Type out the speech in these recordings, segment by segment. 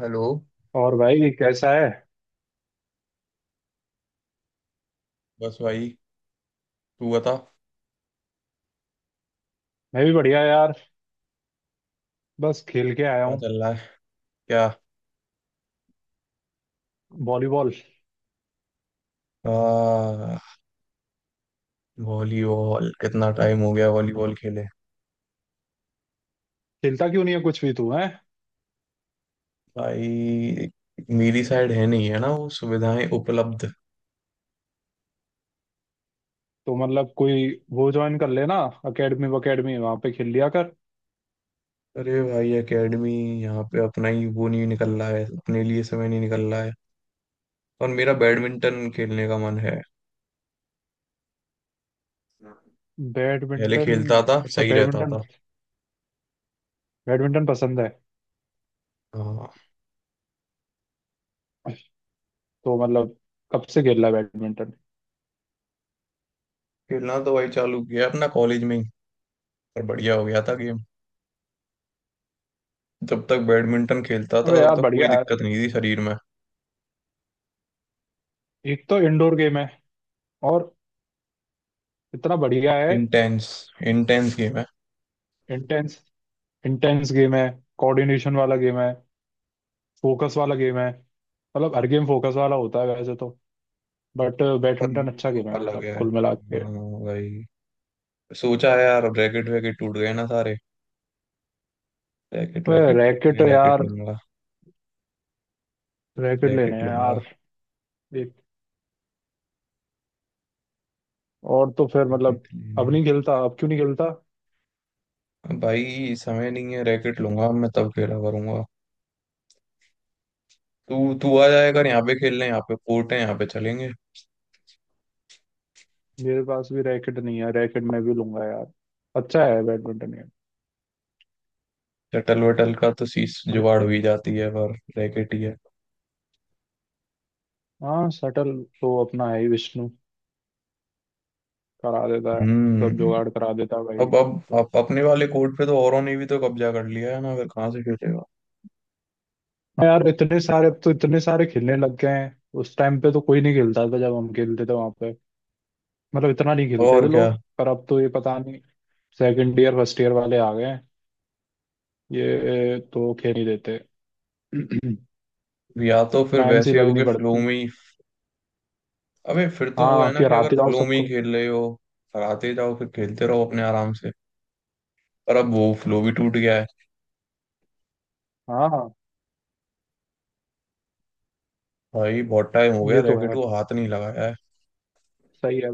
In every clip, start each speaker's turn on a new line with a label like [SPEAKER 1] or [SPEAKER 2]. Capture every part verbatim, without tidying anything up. [SPEAKER 1] Hello.
[SPEAKER 2] और भाई कैसा है?
[SPEAKER 1] बस भाई, तू बता
[SPEAKER 2] मैं भी बढ़िया यार। बस खेल के आया
[SPEAKER 1] क्या
[SPEAKER 2] हूँ।
[SPEAKER 1] चल रहा है। क्या?
[SPEAKER 2] वॉलीबॉल।
[SPEAKER 1] आ, वॉलीबॉल कितना टाइम हो गया वॉलीबॉल खेले।
[SPEAKER 2] खेलता क्यों नहीं है कुछ भी तू है?
[SPEAKER 1] भाई, मेरी साइड है नहीं, है ना वो सुविधाएं उपलब्ध।
[SPEAKER 2] तो मतलब कोई वो ज्वाइन कर लेना। अकेडमी वकेडमी वहां पे खेल लिया कर।
[SPEAKER 1] अरे भाई, एकेडमी यहाँ पे अपना ही वो नहीं निकल रहा है, अपने लिए समय नहीं निकल रहा है। और मेरा बैडमिंटन खेलने का मन है। पहले
[SPEAKER 2] बैडमिंटन।
[SPEAKER 1] खेलता था,
[SPEAKER 2] अच्छा
[SPEAKER 1] सही रहता
[SPEAKER 2] बैडमिंटन।
[SPEAKER 1] था।
[SPEAKER 2] बैडमिंटन पसंद है?
[SPEAKER 1] हाँ।
[SPEAKER 2] तो मतलब कब से खेल रहा है बैडमिंटन?
[SPEAKER 1] खेलना तो भाई चालू किया अपना कॉलेज में ही, और बढ़िया हो गया था गेम। जब तक बैडमिंटन खेलता था
[SPEAKER 2] अबे
[SPEAKER 1] तब
[SPEAKER 2] यार
[SPEAKER 1] तक कोई
[SPEAKER 2] बढ़िया
[SPEAKER 1] दिक्कत
[SPEAKER 2] है।
[SPEAKER 1] नहीं थी शरीर में।
[SPEAKER 2] एक तो इंडोर गेम है। और इतना बढ़िया है।
[SPEAKER 1] इंटेंस। इंटेंस गेम है।
[SPEAKER 2] इंटेंस। इंटेंस गेम है। कोऑर्डिनेशन वाला गेम है। फोकस वाला गेम है। मतलब हर गेम फोकस वाला होता है वैसे तो। बट
[SPEAKER 1] पर ये
[SPEAKER 2] बैडमिंटन अच्छा
[SPEAKER 1] तो
[SPEAKER 2] गेम है
[SPEAKER 1] अलग
[SPEAKER 2] मतलब
[SPEAKER 1] है,
[SPEAKER 2] कुल मिला के।
[SPEAKER 1] हाँ। भाई, सोचा है यार, रैकेट वैकेट टूट गए ना सारे। रैकेट
[SPEAKER 2] वह
[SPEAKER 1] वैकेट टूट
[SPEAKER 2] रैकेट
[SPEAKER 1] गए, रैकेट
[SPEAKER 2] यार।
[SPEAKER 1] लूंगा।
[SPEAKER 2] रैकेट लेने
[SPEAKER 1] रैकेट
[SPEAKER 2] हैं
[SPEAKER 1] लूंगा,
[SPEAKER 2] यार। एक और तो फिर मतलब।
[SPEAKER 1] रैकेट लेने।
[SPEAKER 2] अब नहीं खेलता अब क्यों नहीं खेलता?
[SPEAKER 1] अब भाई समय नहीं है, रैकेट लूंगा, अब मैं तब खेला करूंगा। तू तू आ जाएगा यहाँ पे खेलने, यहाँ पे कोर्ट है, यहाँ पे चलेंगे।
[SPEAKER 2] मेरे पास भी रैकेट नहीं है रैकेट मैं भी लूंगा यार। अच्छा है बैडमिंटन गेम।
[SPEAKER 1] शटल वटल का तो शीश
[SPEAKER 2] मतलब-
[SPEAKER 1] जुगाड़ हुई जाती है, पर रैकेट ही है।
[SPEAKER 2] हाँ शटल। तो अपना है ही विष्णु। करा देता है। सब
[SPEAKER 1] हम्म।
[SPEAKER 2] जुगाड़ करा देता है भाई।
[SPEAKER 1] अब अब अब अपने वाले कोर्ट पे तो औरों ने भी तो कब्जा कर लिया है ना, फिर कहाँ से खेलेगा।
[SPEAKER 2] हाँ यार इतने सारे अब तो इतने सारे खेलने लग गए हैं उस टाइम पे तो कोई नहीं खेलता था जब हम खेलते थे वहां पे। मतलब इतना नहीं खेलते
[SPEAKER 1] और
[SPEAKER 2] थे
[SPEAKER 1] क्या।
[SPEAKER 2] लोग पर अब तो ये पता नहीं। सेकंड ईयर फर्स्ट ईयर वाले आ गए हैं। ये तो खेल नहीं देते।
[SPEAKER 1] या तो फिर
[SPEAKER 2] लाइन से
[SPEAKER 1] वैसे हो
[SPEAKER 2] लगनी
[SPEAKER 1] गए फ्लो
[SPEAKER 2] पड़ती।
[SPEAKER 1] में ही। अबे फिर तो वो है
[SPEAKER 2] हाँ
[SPEAKER 1] ना,
[SPEAKER 2] कि
[SPEAKER 1] कि अगर
[SPEAKER 2] हराते जाओ
[SPEAKER 1] फ्लो में ही
[SPEAKER 2] सबको।
[SPEAKER 1] खेल रहे हो, हराते जाओ, फिर खेलते रहो अपने आराम से। पर अब वो फ्लो भी टूट गया है।
[SPEAKER 2] हाँ, हाँ,
[SPEAKER 1] भाई बहुत टाइम हो गया
[SPEAKER 2] ये तो
[SPEAKER 1] रैकेट
[SPEAKER 2] है।
[SPEAKER 1] को हाथ नहीं लगाया है।
[SPEAKER 2] सही है।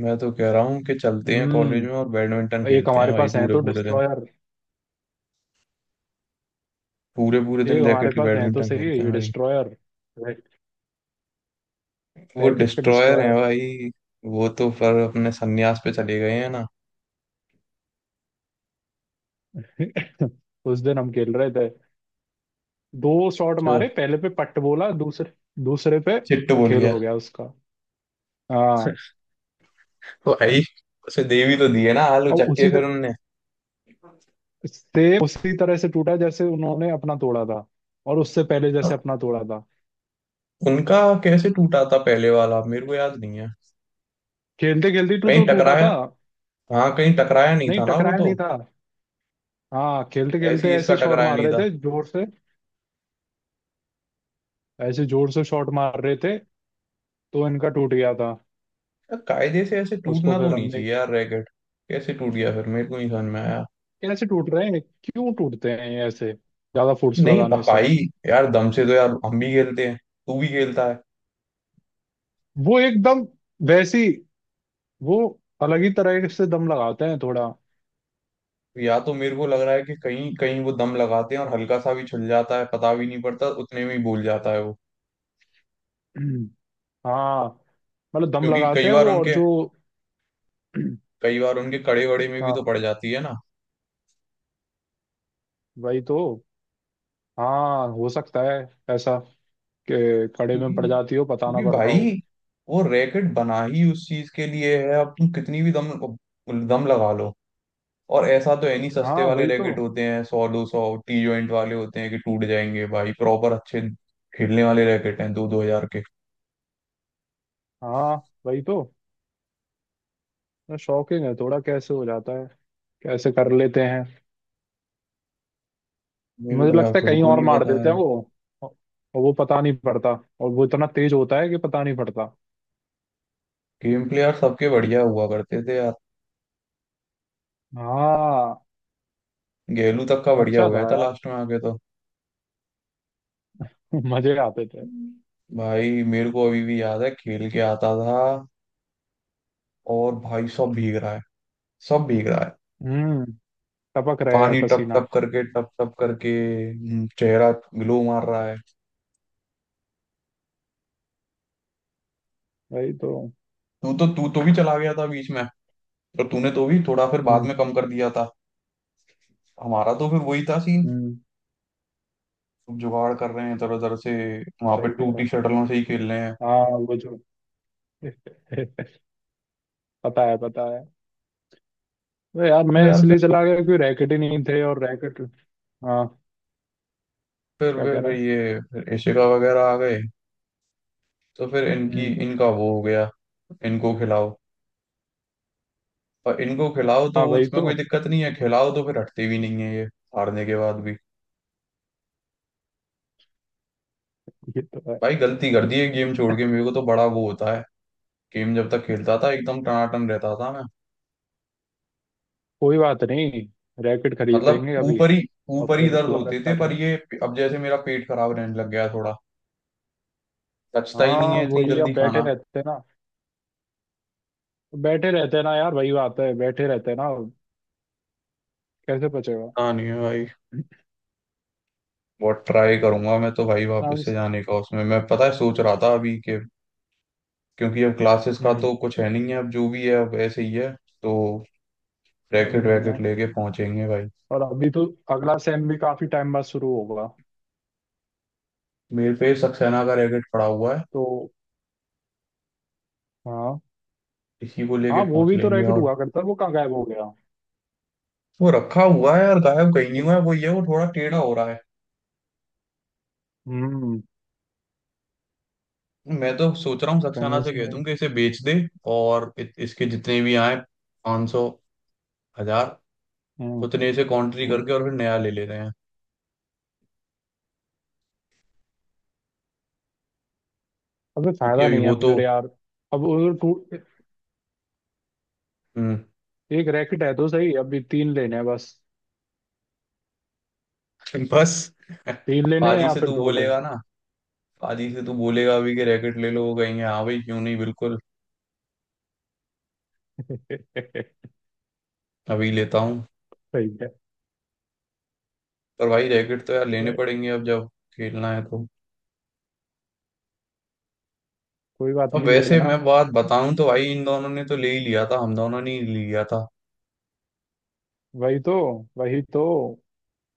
[SPEAKER 1] मैं तो कह रहा हूँ कि चलते हैं कॉलेज में और
[SPEAKER 2] हम्म।
[SPEAKER 1] बैडमिंटन
[SPEAKER 2] एक
[SPEAKER 1] खेलते हैं
[SPEAKER 2] हमारे
[SPEAKER 1] भाई
[SPEAKER 2] पास है
[SPEAKER 1] पूरे
[SPEAKER 2] तो
[SPEAKER 1] पूरे दिन।
[SPEAKER 2] डिस्ट्रॉयर।
[SPEAKER 1] पूरे पूरे
[SPEAKER 2] एक
[SPEAKER 1] दिन
[SPEAKER 2] हमारे
[SPEAKER 1] रैकेट की
[SPEAKER 2] पास है तो
[SPEAKER 1] बैडमिंटन
[SPEAKER 2] सही
[SPEAKER 1] खेलते हैं भाई।
[SPEAKER 2] डिस्ट्रॉयर।
[SPEAKER 1] वो
[SPEAKER 2] रैकेट के
[SPEAKER 1] डिस्ट्रॉयर है
[SPEAKER 2] डिस्ट्रॉयर।
[SPEAKER 1] भाई। वो तो पर अपने संन्यास पे चले गए हैं ना।
[SPEAKER 2] उस दिन हम खेल रहे थे। दो शॉट
[SPEAKER 1] जो
[SPEAKER 2] मारे पहले पे पट बोला दूसरे दूसरे पे
[SPEAKER 1] चिट्टू बोल
[SPEAKER 2] खेल
[SPEAKER 1] गया।
[SPEAKER 2] हो गया उसका। हाँ।
[SPEAKER 1] तो भाई, उसे देवी तो दी है ना आलू
[SPEAKER 2] और
[SPEAKER 1] चक्के
[SPEAKER 2] उसी
[SPEAKER 1] फिर
[SPEAKER 2] तरह
[SPEAKER 1] उनने।
[SPEAKER 2] से उसी तरह से टूटा जैसे उन्होंने अपना तोड़ा था। और उससे पहले जैसे अपना तोड़ा था।
[SPEAKER 1] उनका कैसे टूटा था पहले वाला मेरे को याद नहीं है।
[SPEAKER 2] खेलते खेलते तो
[SPEAKER 1] कहीं
[SPEAKER 2] तो टूटा
[SPEAKER 1] टकराया?
[SPEAKER 2] था।
[SPEAKER 1] हाँ कहीं टकराया नहीं
[SPEAKER 2] नहीं
[SPEAKER 1] था ना वो
[SPEAKER 2] टकराया नहीं
[SPEAKER 1] तो।
[SPEAKER 2] था। हाँ खेलते
[SPEAKER 1] ऐसे
[SPEAKER 2] खेलते
[SPEAKER 1] ही
[SPEAKER 2] ऐसे
[SPEAKER 1] इसका,
[SPEAKER 2] ही शॉट
[SPEAKER 1] टकराया
[SPEAKER 2] मार
[SPEAKER 1] नहीं
[SPEAKER 2] रहे
[SPEAKER 1] था।
[SPEAKER 2] थे जोर से। ऐसे जोर से शॉट मार रहे थे तो इनका टूट गया था।
[SPEAKER 1] यार, कायदे से ऐसे
[SPEAKER 2] उसको
[SPEAKER 1] टूटना तो
[SPEAKER 2] फिर
[SPEAKER 1] नहीं
[SPEAKER 2] हमने।
[SPEAKER 1] चाहिए यार रैकेट। कैसे टूट गया फिर मेरे को नहीं समझ में आया।
[SPEAKER 2] कैसे टूट रहे हैं क्यों टूटते हैं ये ऐसे ज्यादा फोर्स
[SPEAKER 1] नहीं अब
[SPEAKER 2] लगाने से।
[SPEAKER 1] भाई, यार दम से तो यार हम भी खेलते हैं, तू भी खेलता है।
[SPEAKER 2] वो एकदम वैसी वो अलग ही तरह से दम लगाते हैं थोड़ा।
[SPEAKER 1] या तो मेरे को लग रहा है कि कहीं कहीं वो दम लगाते हैं और हल्का सा भी छुल जाता है, पता भी नहीं पड़ता, उतने में ही भूल जाता है वो।
[SPEAKER 2] हाँ। मतलब दम
[SPEAKER 1] क्योंकि
[SPEAKER 2] लगाते
[SPEAKER 1] कई
[SPEAKER 2] हैं
[SPEAKER 1] बार
[SPEAKER 2] वो और
[SPEAKER 1] उनके
[SPEAKER 2] जो।
[SPEAKER 1] कई बार उनके कड़े वड़े में भी तो
[SPEAKER 2] हाँ
[SPEAKER 1] पड़ जाती है ना।
[SPEAKER 2] वही तो। हाँ हो सकता है ऐसा कि खड़े
[SPEAKER 1] क्योंकि
[SPEAKER 2] में पड़ जाती हो पता ना
[SPEAKER 1] क्योंकि
[SPEAKER 2] पड़ता
[SPEAKER 1] भाई,
[SPEAKER 2] हो।
[SPEAKER 1] वो रैकेट बना ही उस चीज के लिए है। अब तुम कितनी भी दम दम लगा लो, और ऐसा तो है नहीं, सस्ते
[SPEAKER 2] हाँ
[SPEAKER 1] वाले
[SPEAKER 2] वही
[SPEAKER 1] रैकेट
[SPEAKER 2] तो।
[SPEAKER 1] होते हैं सौ दो सौ, टी जॉइंट वाले होते हैं कि टूट जाएंगे भाई। प्रॉपर अच्छे खेलने वाले रैकेट हैं दो दो हजार के।
[SPEAKER 2] हाँ वही तो। शॉकिंग है थोड़ा कैसे हो जाता है? कैसे कर लेते हैं?
[SPEAKER 1] मेरे
[SPEAKER 2] मुझे
[SPEAKER 1] को यार
[SPEAKER 2] लगता है
[SPEAKER 1] खुद
[SPEAKER 2] कहीं
[SPEAKER 1] को
[SPEAKER 2] और
[SPEAKER 1] नहीं
[SPEAKER 2] मार
[SPEAKER 1] पता
[SPEAKER 2] देते
[SPEAKER 1] है।
[SPEAKER 2] हैं वो। और वो पता नहीं पड़ता और वो इतना तेज होता है कि पता नहीं पड़ता।
[SPEAKER 1] गेम प्ले यार सबके बढ़िया हुआ करते थे यार।
[SPEAKER 2] हाँ।
[SPEAKER 1] गेलू तक का बढ़िया
[SPEAKER 2] अच्छा
[SPEAKER 1] हो गया
[SPEAKER 2] था
[SPEAKER 1] था
[SPEAKER 2] यार।
[SPEAKER 1] लास्ट में आके तो।
[SPEAKER 2] मजे आते थे।
[SPEAKER 1] भाई मेरे को अभी भी याद है खेल के आता था और भाई सब भीग रहा है। सब भीग रहा है।
[SPEAKER 2] हम्म। टपक रहे है
[SPEAKER 1] पानी टप
[SPEAKER 2] पसीना।
[SPEAKER 1] टप करके, टप टप करके। हम्म, चेहरा ग्लो मार रहा है।
[SPEAKER 2] वही तो।
[SPEAKER 1] तू तो, तू तो भी चला गया था बीच में, और तूने तो भी थोड़ा फिर बाद
[SPEAKER 2] हम्म।
[SPEAKER 1] में कम कर दिया था। हमारा तो फिर वही था सीन,
[SPEAKER 2] हम्म।
[SPEAKER 1] जुगाड़ कर रहे हैं तरह तरह से, वहां पे
[SPEAKER 2] सही कह रहा
[SPEAKER 1] टूटी
[SPEAKER 2] है।
[SPEAKER 1] शटलों से ही खेल रहे हैं।
[SPEAKER 2] हाँ वो जो। पता है पता है। तो यार
[SPEAKER 1] तो
[SPEAKER 2] मैं
[SPEAKER 1] यार फिर,
[SPEAKER 2] इसलिए चला गया क्योंकि रैकेट ही नहीं थे और रैकेट। हाँ।
[SPEAKER 1] फिर
[SPEAKER 2] क्या
[SPEAKER 1] फिर,
[SPEAKER 2] कह
[SPEAKER 1] फिर
[SPEAKER 2] रहा है?
[SPEAKER 1] ये फिर एशिका वगैरह आ गए, तो फिर इनकी
[SPEAKER 2] हम्म।
[SPEAKER 1] इनका वो हो गया। इनको खिलाओ और इनको खिलाओ, तो
[SPEAKER 2] हाँ वही
[SPEAKER 1] उसमें कोई
[SPEAKER 2] तो।
[SPEAKER 1] दिक्कत नहीं है, खिलाओ तो फिर हटते भी नहीं है ये हारने के बाद भी।
[SPEAKER 2] ये तो है।
[SPEAKER 1] भाई गलती कर दी है गेम छोड़ के, मेरे को तो बड़ा वो होता है। गेम जब तक खेलता था एकदम टनाटन रहता था मैं।
[SPEAKER 2] कोई बात नहीं। रैकेट खरीद
[SPEAKER 1] मतलब
[SPEAKER 2] लेंगे अभी।
[SPEAKER 1] ऊपर ही
[SPEAKER 2] और
[SPEAKER 1] ऊपर
[SPEAKER 2] फिर
[SPEAKER 1] ही दर्द
[SPEAKER 2] दोबारा
[SPEAKER 1] होते थे,
[SPEAKER 2] स्टार्ट
[SPEAKER 1] पर
[SPEAKER 2] कर।
[SPEAKER 1] ये अब जैसे मेरा पेट खराब रहने लग गया है थोड़ा, पचता ही नहीं
[SPEAKER 2] हाँ
[SPEAKER 1] है
[SPEAKER 2] वो
[SPEAKER 1] इतनी
[SPEAKER 2] ये अब
[SPEAKER 1] जल्दी
[SPEAKER 2] बैठे
[SPEAKER 1] खाना।
[SPEAKER 2] रहते हैं ना। बैठे रहते हैं ना यार वही बात है बैठे रहते हैं ना। कैसे पचेगा?
[SPEAKER 1] हाँ नहीं है भाई, बहुत ट्राई करूंगा मैं तो भाई वापस
[SPEAKER 2] आराम
[SPEAKER 1] से
[SPEAKER 2] से-
[SPEAKER 1] जाने का, उसमें मैं पता है सोच रहा था अभी कि क्योंकि अब क्लासेस का
[SPEAKER 2] हम्म।
[SPEAKER 1] तो कुछ है नहीं है, अब जो भी है अब ऐसे ही है। तो
[SPEAKER 2] अब
[SPEAKER 1] रैकेट
[SPEAKER 2] नहीं है।
[SPEAKER 1] वैकेट लेके पहुंचेंगे भाई।
[SPEAKER 2] और अभी तो अगला सेम भी काफी टाइम बाद शुरू होगा।
[SPEAKER 1] मेरे पे सक्सेना का रैकेट पड़ा हुआ है,
[SPEAKER 2] तो हाँ।
[SPEAKER 1] इसी को लेके
[SPEAKER 2] हाँ वो
[SPEAKER 1] पहुंच
[SPEAKER 2] भी तो
[SPEAKER 1] लेंगे।
[SPEAKER 2] रैकेट
[SPEAKER 1] और
[SPEAKER 2] हुआ करता है वो कहाँ गायब हो गया?
[SPEAKER 1] वो रखा हुआ है यार, गायब कहीं नहीं हुआ है वो, ये वो थोड़ा टेढ़ा हो रहा है।
[SPEAKER 2] हम्म।
[SPEAKER 1] मैं तो सोच रहा हूँ
[SPEAKER 2] कहीं
[SPEAKER 1] सक्सेना से कह दूं
[SPEAKER 2] उसमें।
[SPEAKER 1] कि इसे बेच दे, और इत, इसके जितने भी आए पाँच सौ हजार,
[SPEAKER 2] हम्म।
[SPEAKER 1] उतने इसे कॉन्ट्री
[SPEAKER 2] हम्म।
[SPEAKER 1] करके और फिर नया ले लेते हैं।
[SPEAKER 2] अबे
[SPEAKER 1] क्योंकि
[SPEAKER 2] फायदा
[SPEAKER 1] अभी
[SPEAKER 2] नहीं
[SPEAKER 1] वो
[SPEAKER 2] है
[SPEAKER 1] तो।
[SPEAKER 2] फिर यार। अब वो टू।
[SPEAKER 1] हम्म।
[SPEAKER 2] एक रैकेट है तो सही अभी तीन लेने हैं बस।
[SPEAKER 1] बस।
[SPEAKER 2] तीन लेने हैं
[SPEAKER 1] पाजी
[SPEAKER 2] या
[SPEAKER 1] से
[SPEAKER 2] फिर
[SPEAKER 1] तू
[SPEAKER 2] दो लेने।
[SPEAKER 1] बोलेगा ना। पाजी से तू बोलेगा अभी कि रैकेट ले लो, वो कहेंगे हाँ भाई क्यों नहीं बिल्कुल
[SPEAKER 2] सही
[SPEAKER 1] अभी लेता हूँ।
[SPEAKER 2] है
[SPEAKER 1] पर भाई रैकेट तो यार लेने
[SPEAKER 2] भाई।
[SPEAKER 1] पड़ेंगे अब, जब खेलना है तो।
[SPEAKER 2] कोई बात
[SPEAKER 1] अब
[SPEAKER 2] नहीं ले
[SPEAKER 1] वैसे
[SPEAKER 2] लेना।
[SPEAKER 1] मैं बात बताऊं तो भाई इन दोनों ने तो ले ही लिया था, हम दोनों ने ही लिया था।
[SPEAKER 2] वही तो। वही तो।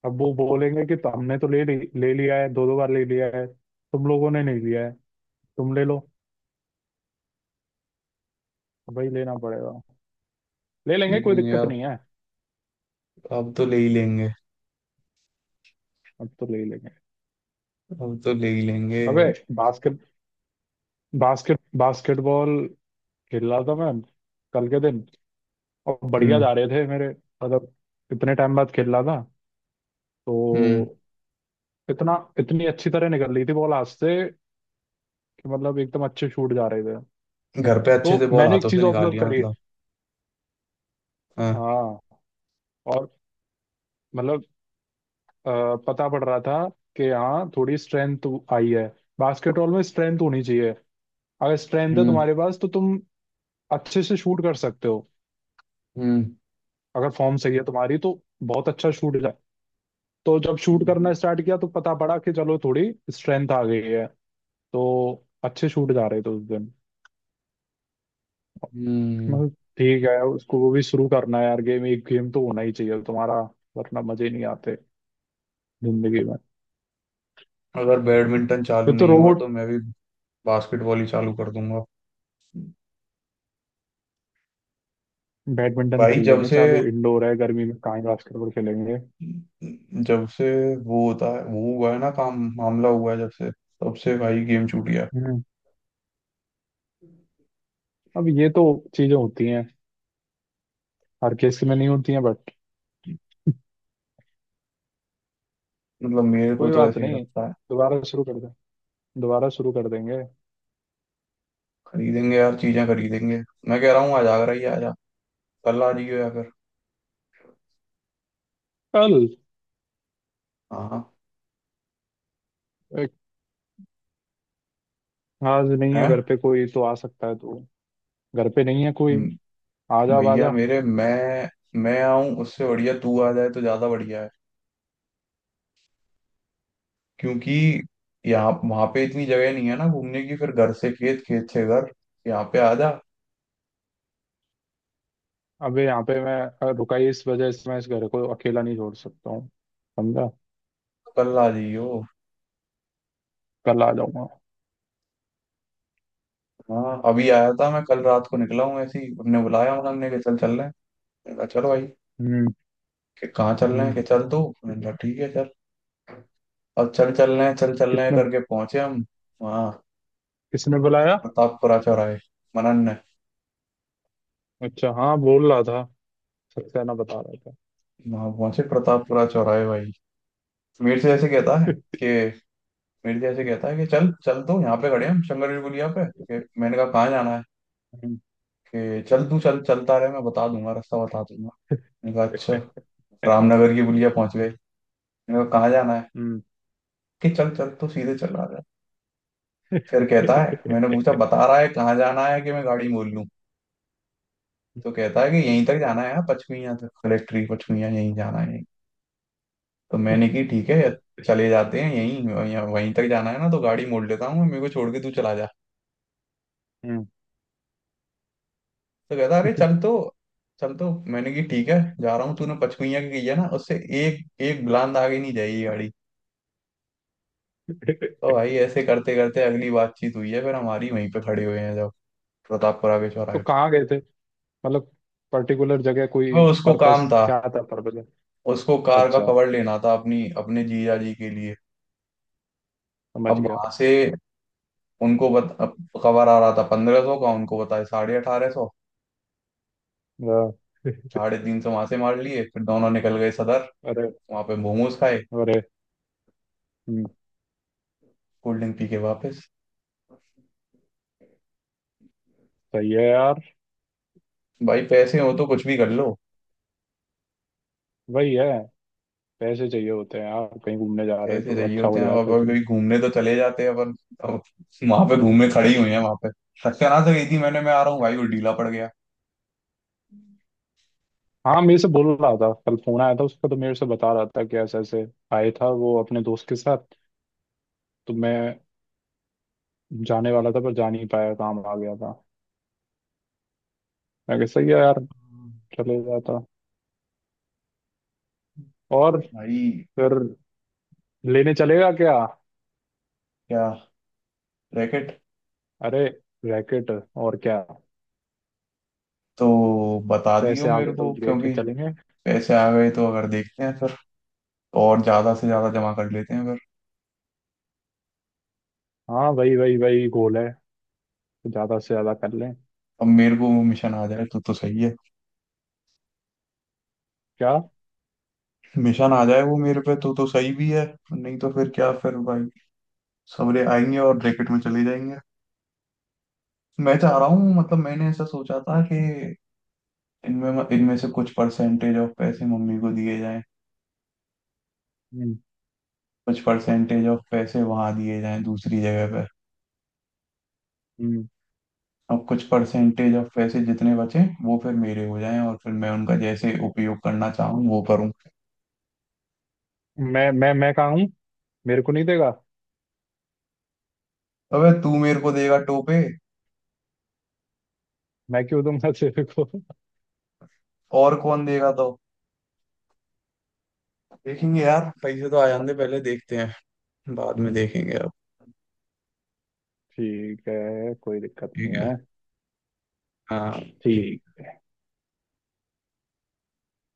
[SPEAKER 2] अब वो बोलेंगे कि तो हमने तो ले ली ले लिया है दो दो बार ले लिया है। तुम लोगों ने नहीं लिया है। तुम ले लो। वही लेना पड़ेगा। ले लेंगे कोई
[SPEAKER 1] लेकिन
[SPEAKER 2] दिक्कत
[SPEAKER 1] यार
[SPEAKER 2] नहीं है।
[SPEAKER 1] अब तो ले ही लेंगे।
[SPEAKER 2] अब तो ले ही लेंगे।
[SPEAKER 1] अब तो ले ही लेंगे।
[SPEAKER 2] अबे। बास्केट बास्केट बास्केटबॉल खेल रहा था मैं कल के दिन। और बढ़िया
[SPEAKER 1] हम्म।
[SPEAKER 2] जा रहे थे मेरे। मतलब इतने टाइम बाद खेल रहा था।
[SPEAKER 1] हम्म।
[SPEAKER 2] तो इतना इतनी अच्छी तरह निकल रही थी बॉल हाथ से कि मतलब एकदम अच्छे शूट जा रहे थे।
[SPEAKER 1] घर पे अच्छे से
[SPEAKER 2] तो
[SPEAKER 1] बॉल
[SPEAKER 2] मैंने एक
[SPEAKER 1] हाथों
[SPEAKER 2] चीज
[SPEAKER 1] से निकाल
[SPEAKER 2] ऑब्जर्व
[SPEAKER 1] लिया
[SPEAKER 2] करी।
[SPEAKER 1] मतलब। हाँ।
[SPEAKER 2] हाँ। और मतलब अ, पता पड़ रहा था कि हाँ थोड़ी स्ट्रेंथ आई है। बास्केटबॉल में स्ट्रेंथ होनी चाहिए। अगर स्ट्रेंथ है
[SPEAKER 1] हम्म।
[SPEAKER 2] तुम्हारे पास तो तुम अच्छे से शूट कर सकते हो।
[SPEAKER 1] हम्म।
[SPEAKER 2] अगर फॉर्म सही है तुम्हारी तो बहुत अच्छा शूट है। तो जब शूट
[SPEAKER 1] हम्म।
[SPEAKER 2] करना स्टार्ट किया तो पता पड़ा कि चलो थोड़ी स्ट्रेंथ आ गई है। तो अच्छे शूट जा रहे थे उस दिन।
[SPEAKER 1] हम्म।
[SPEAKER 2] मतलब ठीक है उसको वो भी शुरू करना है यार गेम एक गेम तो होना ही चाहिए तुम्हारा। वरना मजे नहीं आते जिंदगी में।
[SPEAKER 1] अगर बैडमिंटन चालू
[SPEAKER 2] फिर तो
[SPEAKER 1] नहीं हुआ तो
[SPEAKER 2] रोबोट।
[SPEAKER 1] मैं भी बास्केटबॉल ही चालू कर दूंगा।
[SPEAKER 2] बैडमिंटन कर
[SPEAKER 1] भाई जब
[SPEAKER 2] लेंगे
[SPEAKER 1] से
[SPEAKER 2] चालू इंडोर है गर्मी में कहाँ ही बास्केटबॉल खेलेंगे।
[SPEAKER 1] जब से वो होता है, वो हुआ है ना काम मामला, हुआ है जब से तब से भाई गेम छूट गया।
[SPEAKER 2] हम्म। अब ये तो चीजें होती हैं हर केस में नहीं होती हैं बट।
[SPEAKER 1] मतलब मेरे को
[SPEAKER 2] कोई
[SPEAKER 1] तो
[SPEAKER 2] बात
[SPEAKER 1] ऐसे ही
[SPEAKER 2] नहीं
[SPEAKER 1] लगता है।
[SPEAKER 2] दोबारा शुरू कर दें। दोबारा शुरू कर देंगे।
[SPEAKER 1] खरीदेंगे यार चीजें खरीदेंगे। मैं कह रहा हूँ आज आगरा ही आ जा, कल आ जाइयो अगर।
[SPEAKER 2] कल।
[SPEAKER 1] हाँ,
[SPEAKER 2] एक, आज नहीं
[SPEAKER 1] है।
[SPEAKER 2] है घर पे कोई तो आ सकता है तू। घर पे नहीं है कोई। आ जा आ
[SPEAKER 1] भैया
[SPEAKER 2] जा।
[SPEAKER 1] मेरे, मैं मैं आऊं उससे बढ़िया तू आ जाए तो ज्यादा बढ़िया है। क्योंकि यहाँ वहां पे इतनी जगह नहीं है ना घूमने की, फिर घर से खेत, खेत से घर। यहाँ पे आ जा।
[SPEAKER 2] अबे यहाँ पे मैं अ, रुका ही इस वजह से मैं इस घर को अकेला नहीं छोड़ सकता हूँ। समझा।
[SPEAKER 1] कल आ जाइयो।
[SPEAKER 2] कल आ जाऊंगा।
[SPEAKER 1] हाँ अभी आया था मैं, कल रात को निकला हूँ ऐसे ही उन्होंने बुलाया, उन्होंने कि चल चल रहे हैं। मैंने कहा चलो भाई।
[SPEAKER 2] हम्म।
[SPEAKER 1] कि कहाँ चल रहे हैं,
[SPEAKER 2] हम्म।
[SPEAKER 1] कि चल तू, मैंने कहा ठीक है चल। अब चल चल रहे हैं, चल चल रहे हैं
[SPEAKER 2] किसने।
[SPEAKER 1] करके पहुंचे हम वहाँ,
[SPEAKER 2] किसने बुलाया?
[SPEAKER 1] प्रतापपुरा चौराहे, मनन ने।
[SPEAKER 2] अच्छा हाँ बोल रहा था। सक्सेना बता रहा
[SPEAKER 1] वहाँ पहुंचे प्रतापपुरा चौराहे भाई, मेरे से ऐसे कहता है कि, मेरे जैसे कहता है कि, चल चल तो यहाँ पे खड़े हैं हम शंकर जी पुलिया पे, कि मैंने कहा कहाँ जाना है।
[SPEAKER 2] था।
[SPEAKER 1] कि चल तू चल चलता रहे, मैं बता दूंगा, रास्ता बता दूंगा। मैंने कहा अच्छा।
[SPEAKER 2] हम्म।
[SPEAKER 1] रामनगर की पुलिया पहुंच गए, मैंने कहा कहाँ जाना है। कि चल चल तो सीधे चला रहा है। फिर कहता है, मैंने पूछा बता रहा है कहाँ जाना है कि मैं गाड़ी मोड़ लूँ। तो कहता है कि यहीं तक जाना है यार, पचमिया तक, कलेक्ट्री पचमिया, यहीं जाना है यहीं। तो मैंने की ठीक है, चले जाते हैं यहीं, वहीं वहीं तक जाना है ना तो गाड़ी मोड़ लेता हूँ, मेरे को छोड़ के तू चला जा।
[SPEAKER 2] हम्म।
[SPEAKER 1] तो कहता अरे चल तो, चल तो, मैंने कि ठीक है। जा रहा हूँ, तूने पचकुइयाँ की की है ना, उससे एक एक बुलंद आगे नहीं जाएगी गाड़ी।
[SPEAKER 2] तो
[SPEAKER 1] तो भाई ऐसे करते करते अगली बातचीत हुई है फिर हमारी, वहीं पे खड़े हुए हैं जब प्रतापपुरा के
[SPEAKER 2] तो
[SPEAKER 1] चौराहे पे।
[SPEAKER 2] कहाँ गए थे? मतलब पर्टिकुलर जगह
[SPEAKER 1] अब
[SPEAKER 2] कोई
[SPEAKER 1] उसको काम
[SPEAKER 2] पर्पस
[SPEAKER 1] था,
[SPEAKER 2] क्या था पर्पस?
[SPEAKER 1] उसको कार का
[SPEAKER 2] अच्छा
[SPEAKER 1] कवर लेना था, अपनी अपने जीजा जी के लिए। अब
[SPEAKER 2] समझ गया।
[SPEAKER 1] वहां से उनको बत, अब कवर आ रहा था पंद्रह सौ का, उनको बताया साढ़े अठारह सौ।
[SPEAKER 2] वाह।
[SPEAKER 1] साढ़े तीन सौ वहां से मार लिए, फिर दोनों निकल गए सदर।
[SPEAKER 2] अरे।
[SPEAKER 1] वहां पे मोमोज खाए,
[SPEAKER 2] अरे। हम्म।
[SPEAKER 1] कोल्ड ड्रिंक पी के वापस।
[SPEAKER 2] सही है यार।
[SPEAKER 1] भाई पैसे हो तो कुछ भी कर लो।
[SPEAKER 2] वही है। पैसे चाहिए होते हैं यार कहीं घूमने जा रहे हो
[SPEAKER 1] पैसे
[SPEAKER 2] तो
[SPEAKER 1] चाहिए
[SPEAKER 2] अच्छा
[SPEAKER 1] होते
[SPEAKER 2] हो
[SPEAKER 1] हैं,
[SPEAKER 2] जाता
[SPEAKER 1] अब
[SPEAKER 2] है
[SPEAKER 1] अभी
[SPEAKER 2] सीन।
[SPEAKER 1] कहीं घूमने तो चले जाते हैं अपन। अब वहां पे घूमने खड़ी हुई है, वहां पे सत्यानाश गई थी, मैंने, मैं आ रहा हूँ भाई, वो ढीला पड़ गया।
[SPEAKER 2] हाँ मेरे से बोल रहा था कल फोन आया था उसका तो मेरे से बता रहा था कि ऐसे ऐसे आया था वो अपने दोस्त के साथ। तो मैं जाने वाला था पर जा नहीं पाया काम आ गया था। मैं कहा सही है यार चले जाता। और
[SPEAKER 1] भाई।
[SPEAKER 2] फिर लेने चलेगा क्या?
[SPEAKER 1] क्या? रैकेट।
[SPEAKER 2] अरे रैकेट और क्या।
[SPEAKER 1] तो बता दियो
[SPEAKER 2] पैसे आ गए
[SPEAKER 1] मेरे
[SPEAKER 2] तो
[SPEAKER 1] को,
[SPEAKER 2] लेते
[SPEAKER 1] क्योंकि
[SPEAKER 2] चलेंगे।
[SPEAKER 1] पैसे आ गए तो अगर देखते हैं फिर, और ज्यादा से ज्यादा जमा कर लेते हैं अगर।
[SPEAKER 2] हाँ वही वही वही गोल है। ज्यादा से ज्यादा कर लें।
[SPEAKER 1] अब मेरे को वो मिशन आ जाए तो तो सही है।
[SPEAKER 2] क्या?
[SPEAKER 1] मिशन आ जाए वो मेरे पे तो तो सही भी है। नहीं तो फिर क्या फिर भाई सबरे आएंगे और रैकेट में चले जाएंगे। मैं चाह रहा हूँ, मतलब मैंने ऐसा सोचा था कि इनमें इनमें से कुछ परसेंटेज ऑफ पैसे मम्मी को दिए जाएं,
[SPEAKER 2] हम्म।
[SPEAKER 1] कुछ परसेंटेज ऑफ पैसे वहां दिए जाएं दूसरी जगह पर,
[SPEAKER 2] हम्म।
[SPEAKER 1] और कुछ परसेंटेज ऑफ पैसे जितने बचे वो फिर मेरे हो जाएं, और फिर मैं उनका जैसे उपयोग करना चाहूँ वो करूँ।
[SPEAKER 2] मैं मैं मैं कहाँ हूँ? मेरे को नहीं देगा।
[SPEAKER 1] अबे तू मेरे को देगा टोपे।
[SPEAKER 2] मैं क्यों दूंगा तेरे को?
[SPEAKER 1] और कौन देगा तो। देखेंगे यार, पैसे तो आ जाने
[SPEAKER 2] ब-
[SPEAKER 1] दे, पहले देखते हैं, बाद में देखेंगे अब।
[SPEAKER 2] ठीक है कोई दिक्कत नहीं
[SPEAKER 1] ठीक है।
[SPEAKER 2] है।
[SPEAKER 1] हाँ ठीक।
[SPEAKER 2] ठीक